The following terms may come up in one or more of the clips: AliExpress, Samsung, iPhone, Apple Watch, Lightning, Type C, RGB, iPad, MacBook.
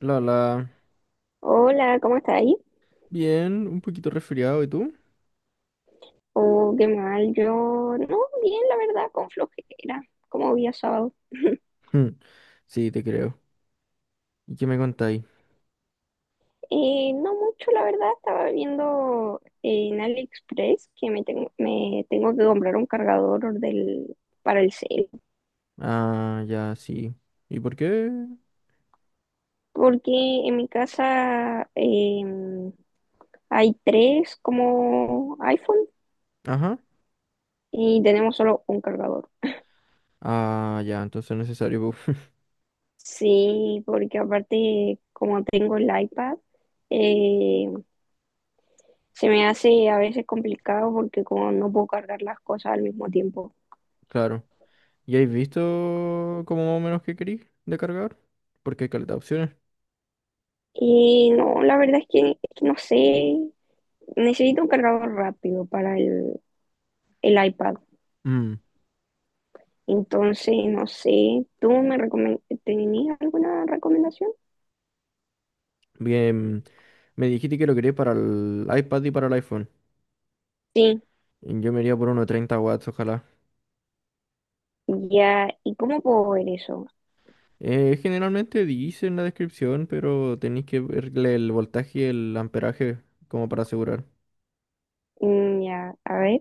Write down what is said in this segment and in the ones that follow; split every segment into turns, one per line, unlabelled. La, la.
Hola, ¿cómo estás ahí?
Bien, un poquito resfriado, ¿y tú?
Oh, qué mal, yo no, bien, la verdad, con flojera, como día sábado.
Hmm. Sí, te creo. ¿Y qué me contáis?
No mucho, la verdad, estaba viendo en AliExpress que me tengo que comprar un cargador para el cel,
Ah, ya, sí. ¿Y por qué?
porque en mi casa hay tres como iPhone
Ajá.
y tenemos solo un cargador.
Ah, ya, entonces es necesario, pu.
Sí, porque aparte, como tengo el iPad, eh, Se me hace a veces complicado porque como no puedo cargar las cosas al mismo tiempo.
Claro. ¿Y habéis visto como más o menos qué queréis de cargar? Porque hay caleta de opciones.
Y no, la verdad es que no sé, necesito un cargador rápido para el iPad.
Mm,
Entonces, no sé, tenías alguna recomendación?
Bien, me dijiste que lo queréis para el iPad y para el iPhone.
Sí,
Yo me iría por uno de 30 watts, ojalá.
ya, ¿y cómo puedo ver eso?
Generalmente dice en la descripción, pero tenéis que verle el voltaje y el amperaje como para asegurar.
Mm, ya, a ver.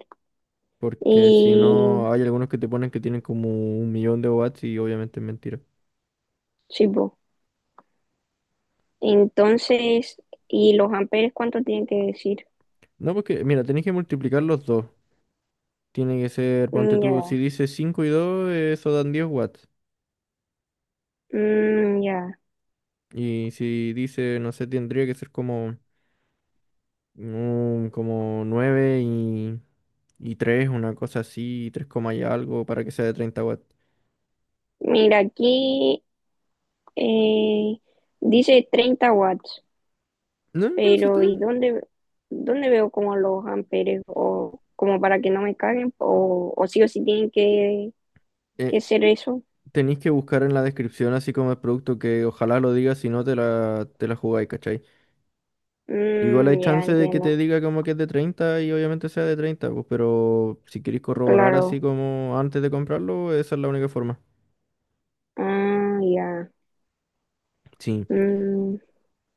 Porque si
Y
no, hay algunos que te ponen que tienen como un millón de watts y obviamente es mentira.
sí, po. Entonces, ¿y los amperes cuánto tienen que decir?
No, porque, mira, tenés que multiplicar los dos. Tiene que ser, ponte
Mm, ya.
tú, si dice 5 y 2 eso dan 10 watts.
Mm, ya.
Y si dice, no sé, tendría que ser como, como 9 y 3 una cosa así, 3 coma y algo, para que sea de 30 watts.
Mira, aquí Eh, dice 30 watts,
No, con eso está
pero
bien.
¿y dónde veo como los amperes o como para que no me caguen o sí tienen que
Eh,
ser eso?
Tenéis que buscar en la descripción, así como el producto, que ojalá lo diga, si no te la jugáis, ¿cachai? Igual
Mm,
hay
ya
chance de que te
entiendo,
diga como que es de 30 y obviamente sea de 30 pues, pero si queréis corroborar así
claro.
como antes de comprarlo, esa es la única forma.
Ah, ya.
Sí.
Mm.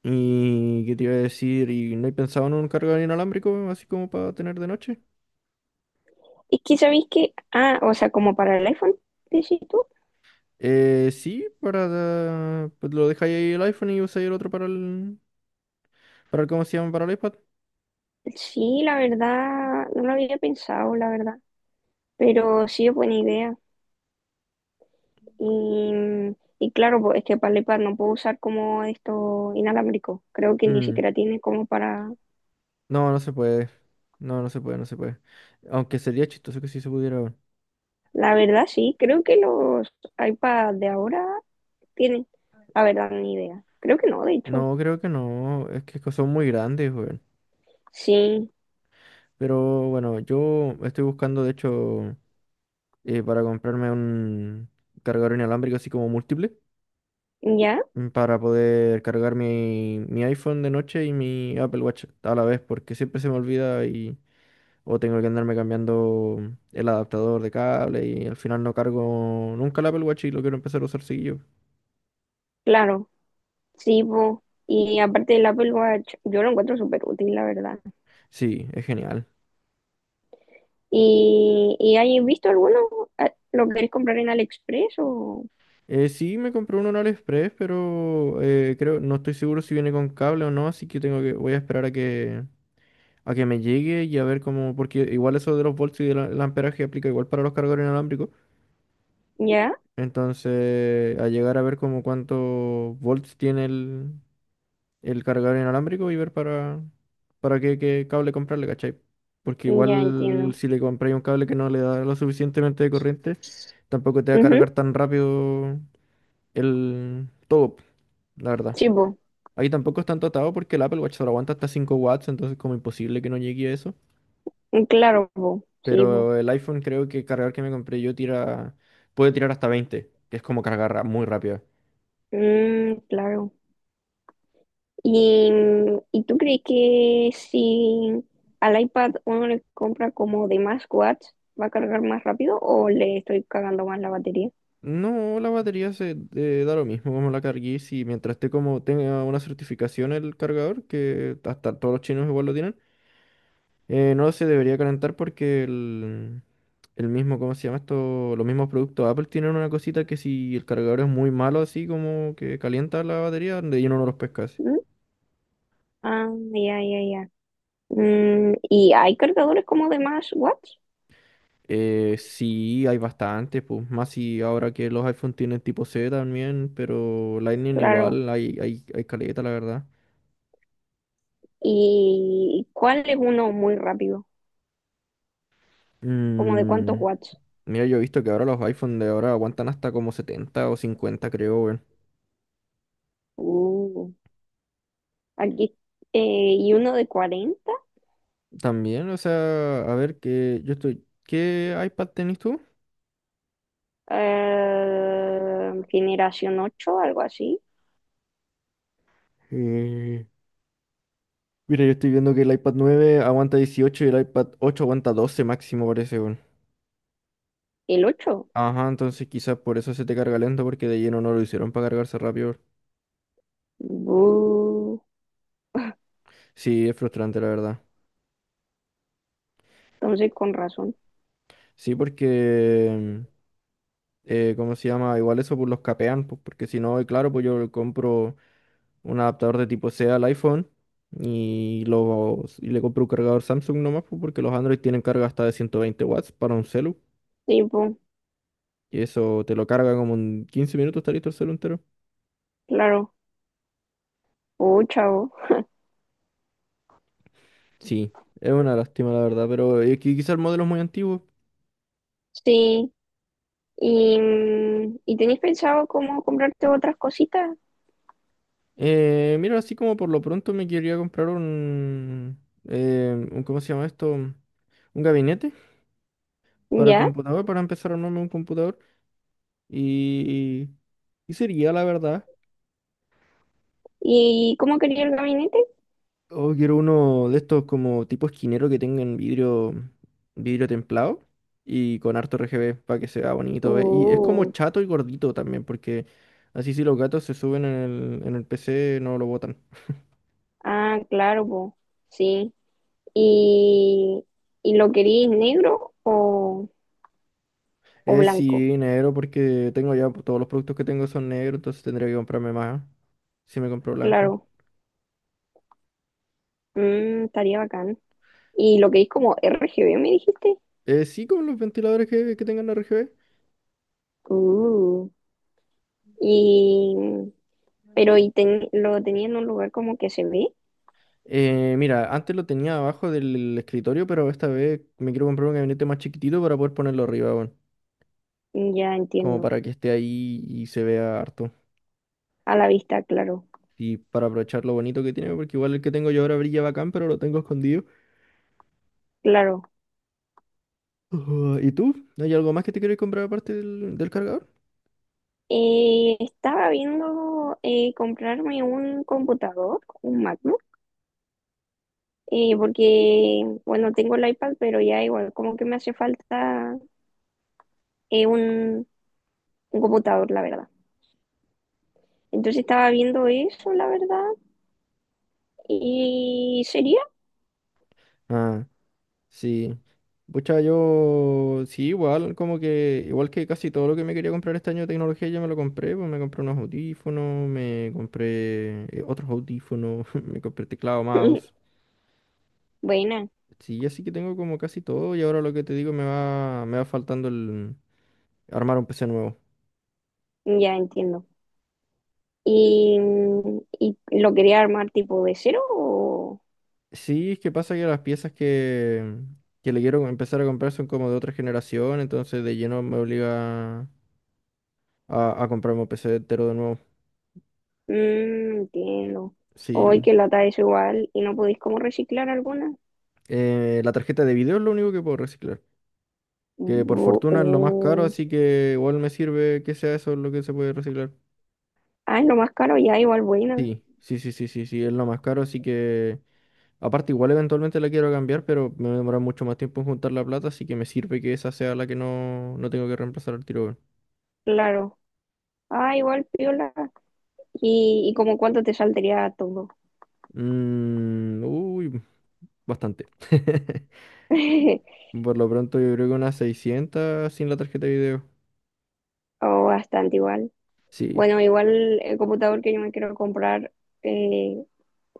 ¿Y qué te iba a decir? ¿Y no he pensado en un cargador inalámbrico así como para tener de noche?
Es que sabéis que, ah, o sea, como para el iPhone, decís tú.
Sí, para... Pues lo dejáis ahí el iPhone y usáis el otro para el, ¿cómo se llama? Para el iPad.
Sí, la verdad, no lo había pensado, la verdad, pero sí es buena idea. Y, y claro, pues este para el iPad no puedo usar como esto inalámbrico. Creo que ni
Mm.
siquiera tiene como para...
No, no se puede. No, no se puede, no se puede. Aunque sería chistoso que sí se pudiera. Weón.
La verdad, sí, creo que los iPads de ahora tienen, la verdad, ni idea. Creo que no, de hecho.
No, creo que no. Es que son muy grandes, weón.
Sí,
Pero bueno, yo estoy buscando, de hecho, para comprarme un cargador inalámbrico así como múltiple,
ya,
para poder cargar mi iPhone de noche y mi Apple Watch a la vez, porque siempre se me olvida y o tengo que andarme cambiando el adaptador de cable y al final no cargo nunca el Apple Watch y lo quiero empezar a usar seguido.
claro, sí, pues. Y aparte del Apple Watch, yo lo encuentro súper útil, la verdad.
Sí, es genial.
¿Y hay visto alguno? Ah, ¿lo querés comprar en AliExpress o...?
Sí, me compré uno en AliExpress, pero creo, no estoy seguro si viene con cable o no, así que tengo que, voy a esperar a que me llegue y a ver cómo, porque igual eso de los volts y del el amperaje aplica igual para los cargadores inalámbricos.
Ya,
Entonces, a llegar a ver como cuántos volts tiene el cargador inalámbrico y ver para qué cable comprarle, ¿cachai? Porque
ya
igual
entiendo.
si le compráis un cable que no le da lo suficientemente de corriente, tampoco te va a
Ujú,
cargar tan rápido el todo, la verdad.
sí, pues.
Ahí tampoco es tanto atado porque el Apple Watch solo aguanta hasta 5 watts, entonces como imposible que no llegue a eso.
Claro, pues. Sí, pues.
Pero el iPhone creo que el cargador que me compré yo tira, puede tirar hasta 20 que es como cargar muy rápido.
Mm, claro. ¿Y, y tú crees que si al iPad uno le compra como de más watts, va a cargar más rápido o le estoy cagando más la batería?
No, la batería se da lo mismo como la carguís y mientras esté como tenga una certificación el cargador, que hasta todos los chinos igual lo tienen, no se debería calentar porque el mismo, ¿cómo se llama esto? Los mismos productos Apple tienen una cosita que si el cargador es muy malo así como que calienta la batería, de lleno no los pescas.
¿Mm? Ah, ya, ya, ya. Mm, ¿y hay cargadores como de más watts?
Sí, hay bastante, pues más si ahora que los iPhone tienen tipo C también, pero Lightning
Claro.
igual, hay caleta, la verdad.
¿Y cuál es uno muy rápido? ¿Como de
Mm,
cuántos watts?
Mira, yo he visto que ahora los iPhone de ahora aguantan hasta como 70 o 50, creo, weón.
Uh, aquí. ¿Y uno de cuarenta.
También, o sea, a ver, que yo estoy... ¿Qué iPad tenés tú?
Generación 8 algo así.
Eh, Mira, yo estoy viendo que el iPad 9 aguanta 18, y el iPad 8 aguanta 12 máximo, parece, weón.
¿El ocho?
Ajá, entonces quizás por eso se te carga lento, porque de lleno no lo hicieron para cargarse rápido.
Bu.
Sí, es frustrante, la verdad.
Entonces, con razón.
Sí, porque, ¿cómo se llama? Igual eso pues los capean, pues, porque si no, y claro, pues yo le compro un adaptador de tipo C al iPhone y, los, y le compro un cargador Samsung nomás, pues, porque los Android tienen carga hasta de 120 watts para un celu.
Tipo,
Y eso te lo carga como en 15 minutos, está listo el celu entero.
claro. Oh, chavo.
Sí, es una lástima, la verdad, pero quizá el modelo es muy antiguo.
Sí. ¿y tenéis pensado cómo comprarte otras cositas?
Mira, así como por lo pronto me quería comprar un ¿cómo se llama esto? ¿Un gabinete? Para
¿Ya?
computador, para empezar a armarme un computador. Y, y sería, la verdad.
¿Y cómo quería el gabinete?
O quiero uno de estos como tipo esquinero que tengan vidrio, vidrio templado y con harto RGB para que se vea bonito. Y es como
Uh,
chato y gordito también, porque así si los gatos se suben en el PC no lo botan.
ah, claro, po. Sí. ¿Y, y lo queréis negro o
Es
blanco?
sí, negro, porque tengo ya todos los productos que tengo son negros, entonces tendría que comprarme más si me compro blanco.
Claro. Mm, estaría bacán. ¿Y lo queréis como RGB, me dijiste?
Sí, con los ventiladores que tengan RGB.
Uh, y, pero, lo tenía en un lugar como que se ve?
Mira, antes lo tenía abajo del escritorio, pero esta vez me quiero comprar un gabinete más chiquitito para poder ponerlo arriba, bueno,
Mm, ya
como
entiendo.
para que esté ahí y se vea harto.
A la vista, claro,
Y para aprovechar lo bonito que tiene, porque igual el que tengo yo ahora brilla bacán, pero lo tengo escondido.
claro.
Ujú, ¿y tú? ¿Hay algo más que te quieres comprar aparte del cargador?
Estaba viendo comprarme un computador, un MacBook, porque, bueno, tengo el iPad, pero ya igual, como que me hace falta eh, un, un computador, la verdad. Entonces estaba viendo eso, la verdad, y sería
Ah. Sí. Pucha, yo sí, igual, como que, igual que casi todo lo que me quería comprar este año de tecnología ya me lo compré, pues me compré unos audífonos, me compré otros audífonos, me compré teclado, mouse.
buena,
Sí, así que tengo como casi todo y ahora lo que te digo me va faltando el armar un PC nuevo.
ya entiendo. ¿Y, y lo quería armar tipo de cero o...?
Sí, es que pasa que las piezas que le quiero empezar a comprar son como de otra generación, entonces de lleno me obliga a comprarme un PC entero de nuevo.
Mm, entiendo. Hoy
Sí.
que lata es igual y no podéis como reciclar alguna.
La tarjeta de video es lo único que puedo reciclar. Que por
Bu-
fortuna es lo más caro,
uh.
así que igual me sirve que sea eso lo que se puede reciclar.
Ay, lo más caro ya, igual buena.
Sí, sí, sí, sí, sí, sí, es lo más caro, así que... Aparte, igual eventualmente la quiero cambiar, pero me va a demorar mucho más tiempo en juntar la plata, así que me sirve que esa sea la que no, no tengo que reemplazar al tiro. Weón.
Claro. Ah, igual piola. ¿Y como cuánto te saldría todo?
Mm, uy, bastante. Por lo pronto yo creo que unas 600 sin la tarjeta de video.
O bastante igual.
Sí,
Bueno, igual el computador que yo me quiero comprar eh,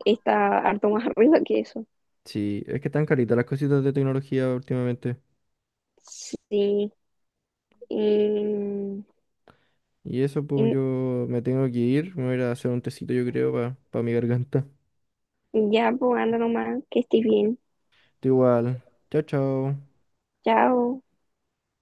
está harto más arriba que eso.
sí, es que están caritas las cositas de tecnología últimamente.
Sí. Y,
Y eso, pues
y
yo me tengo que ir. Me voy a ir a hacer un tecito, yo creo, para mi garganta.
ya, pues anda nomás, que estés bien.
Tú igual. Chao, chao.
Chao.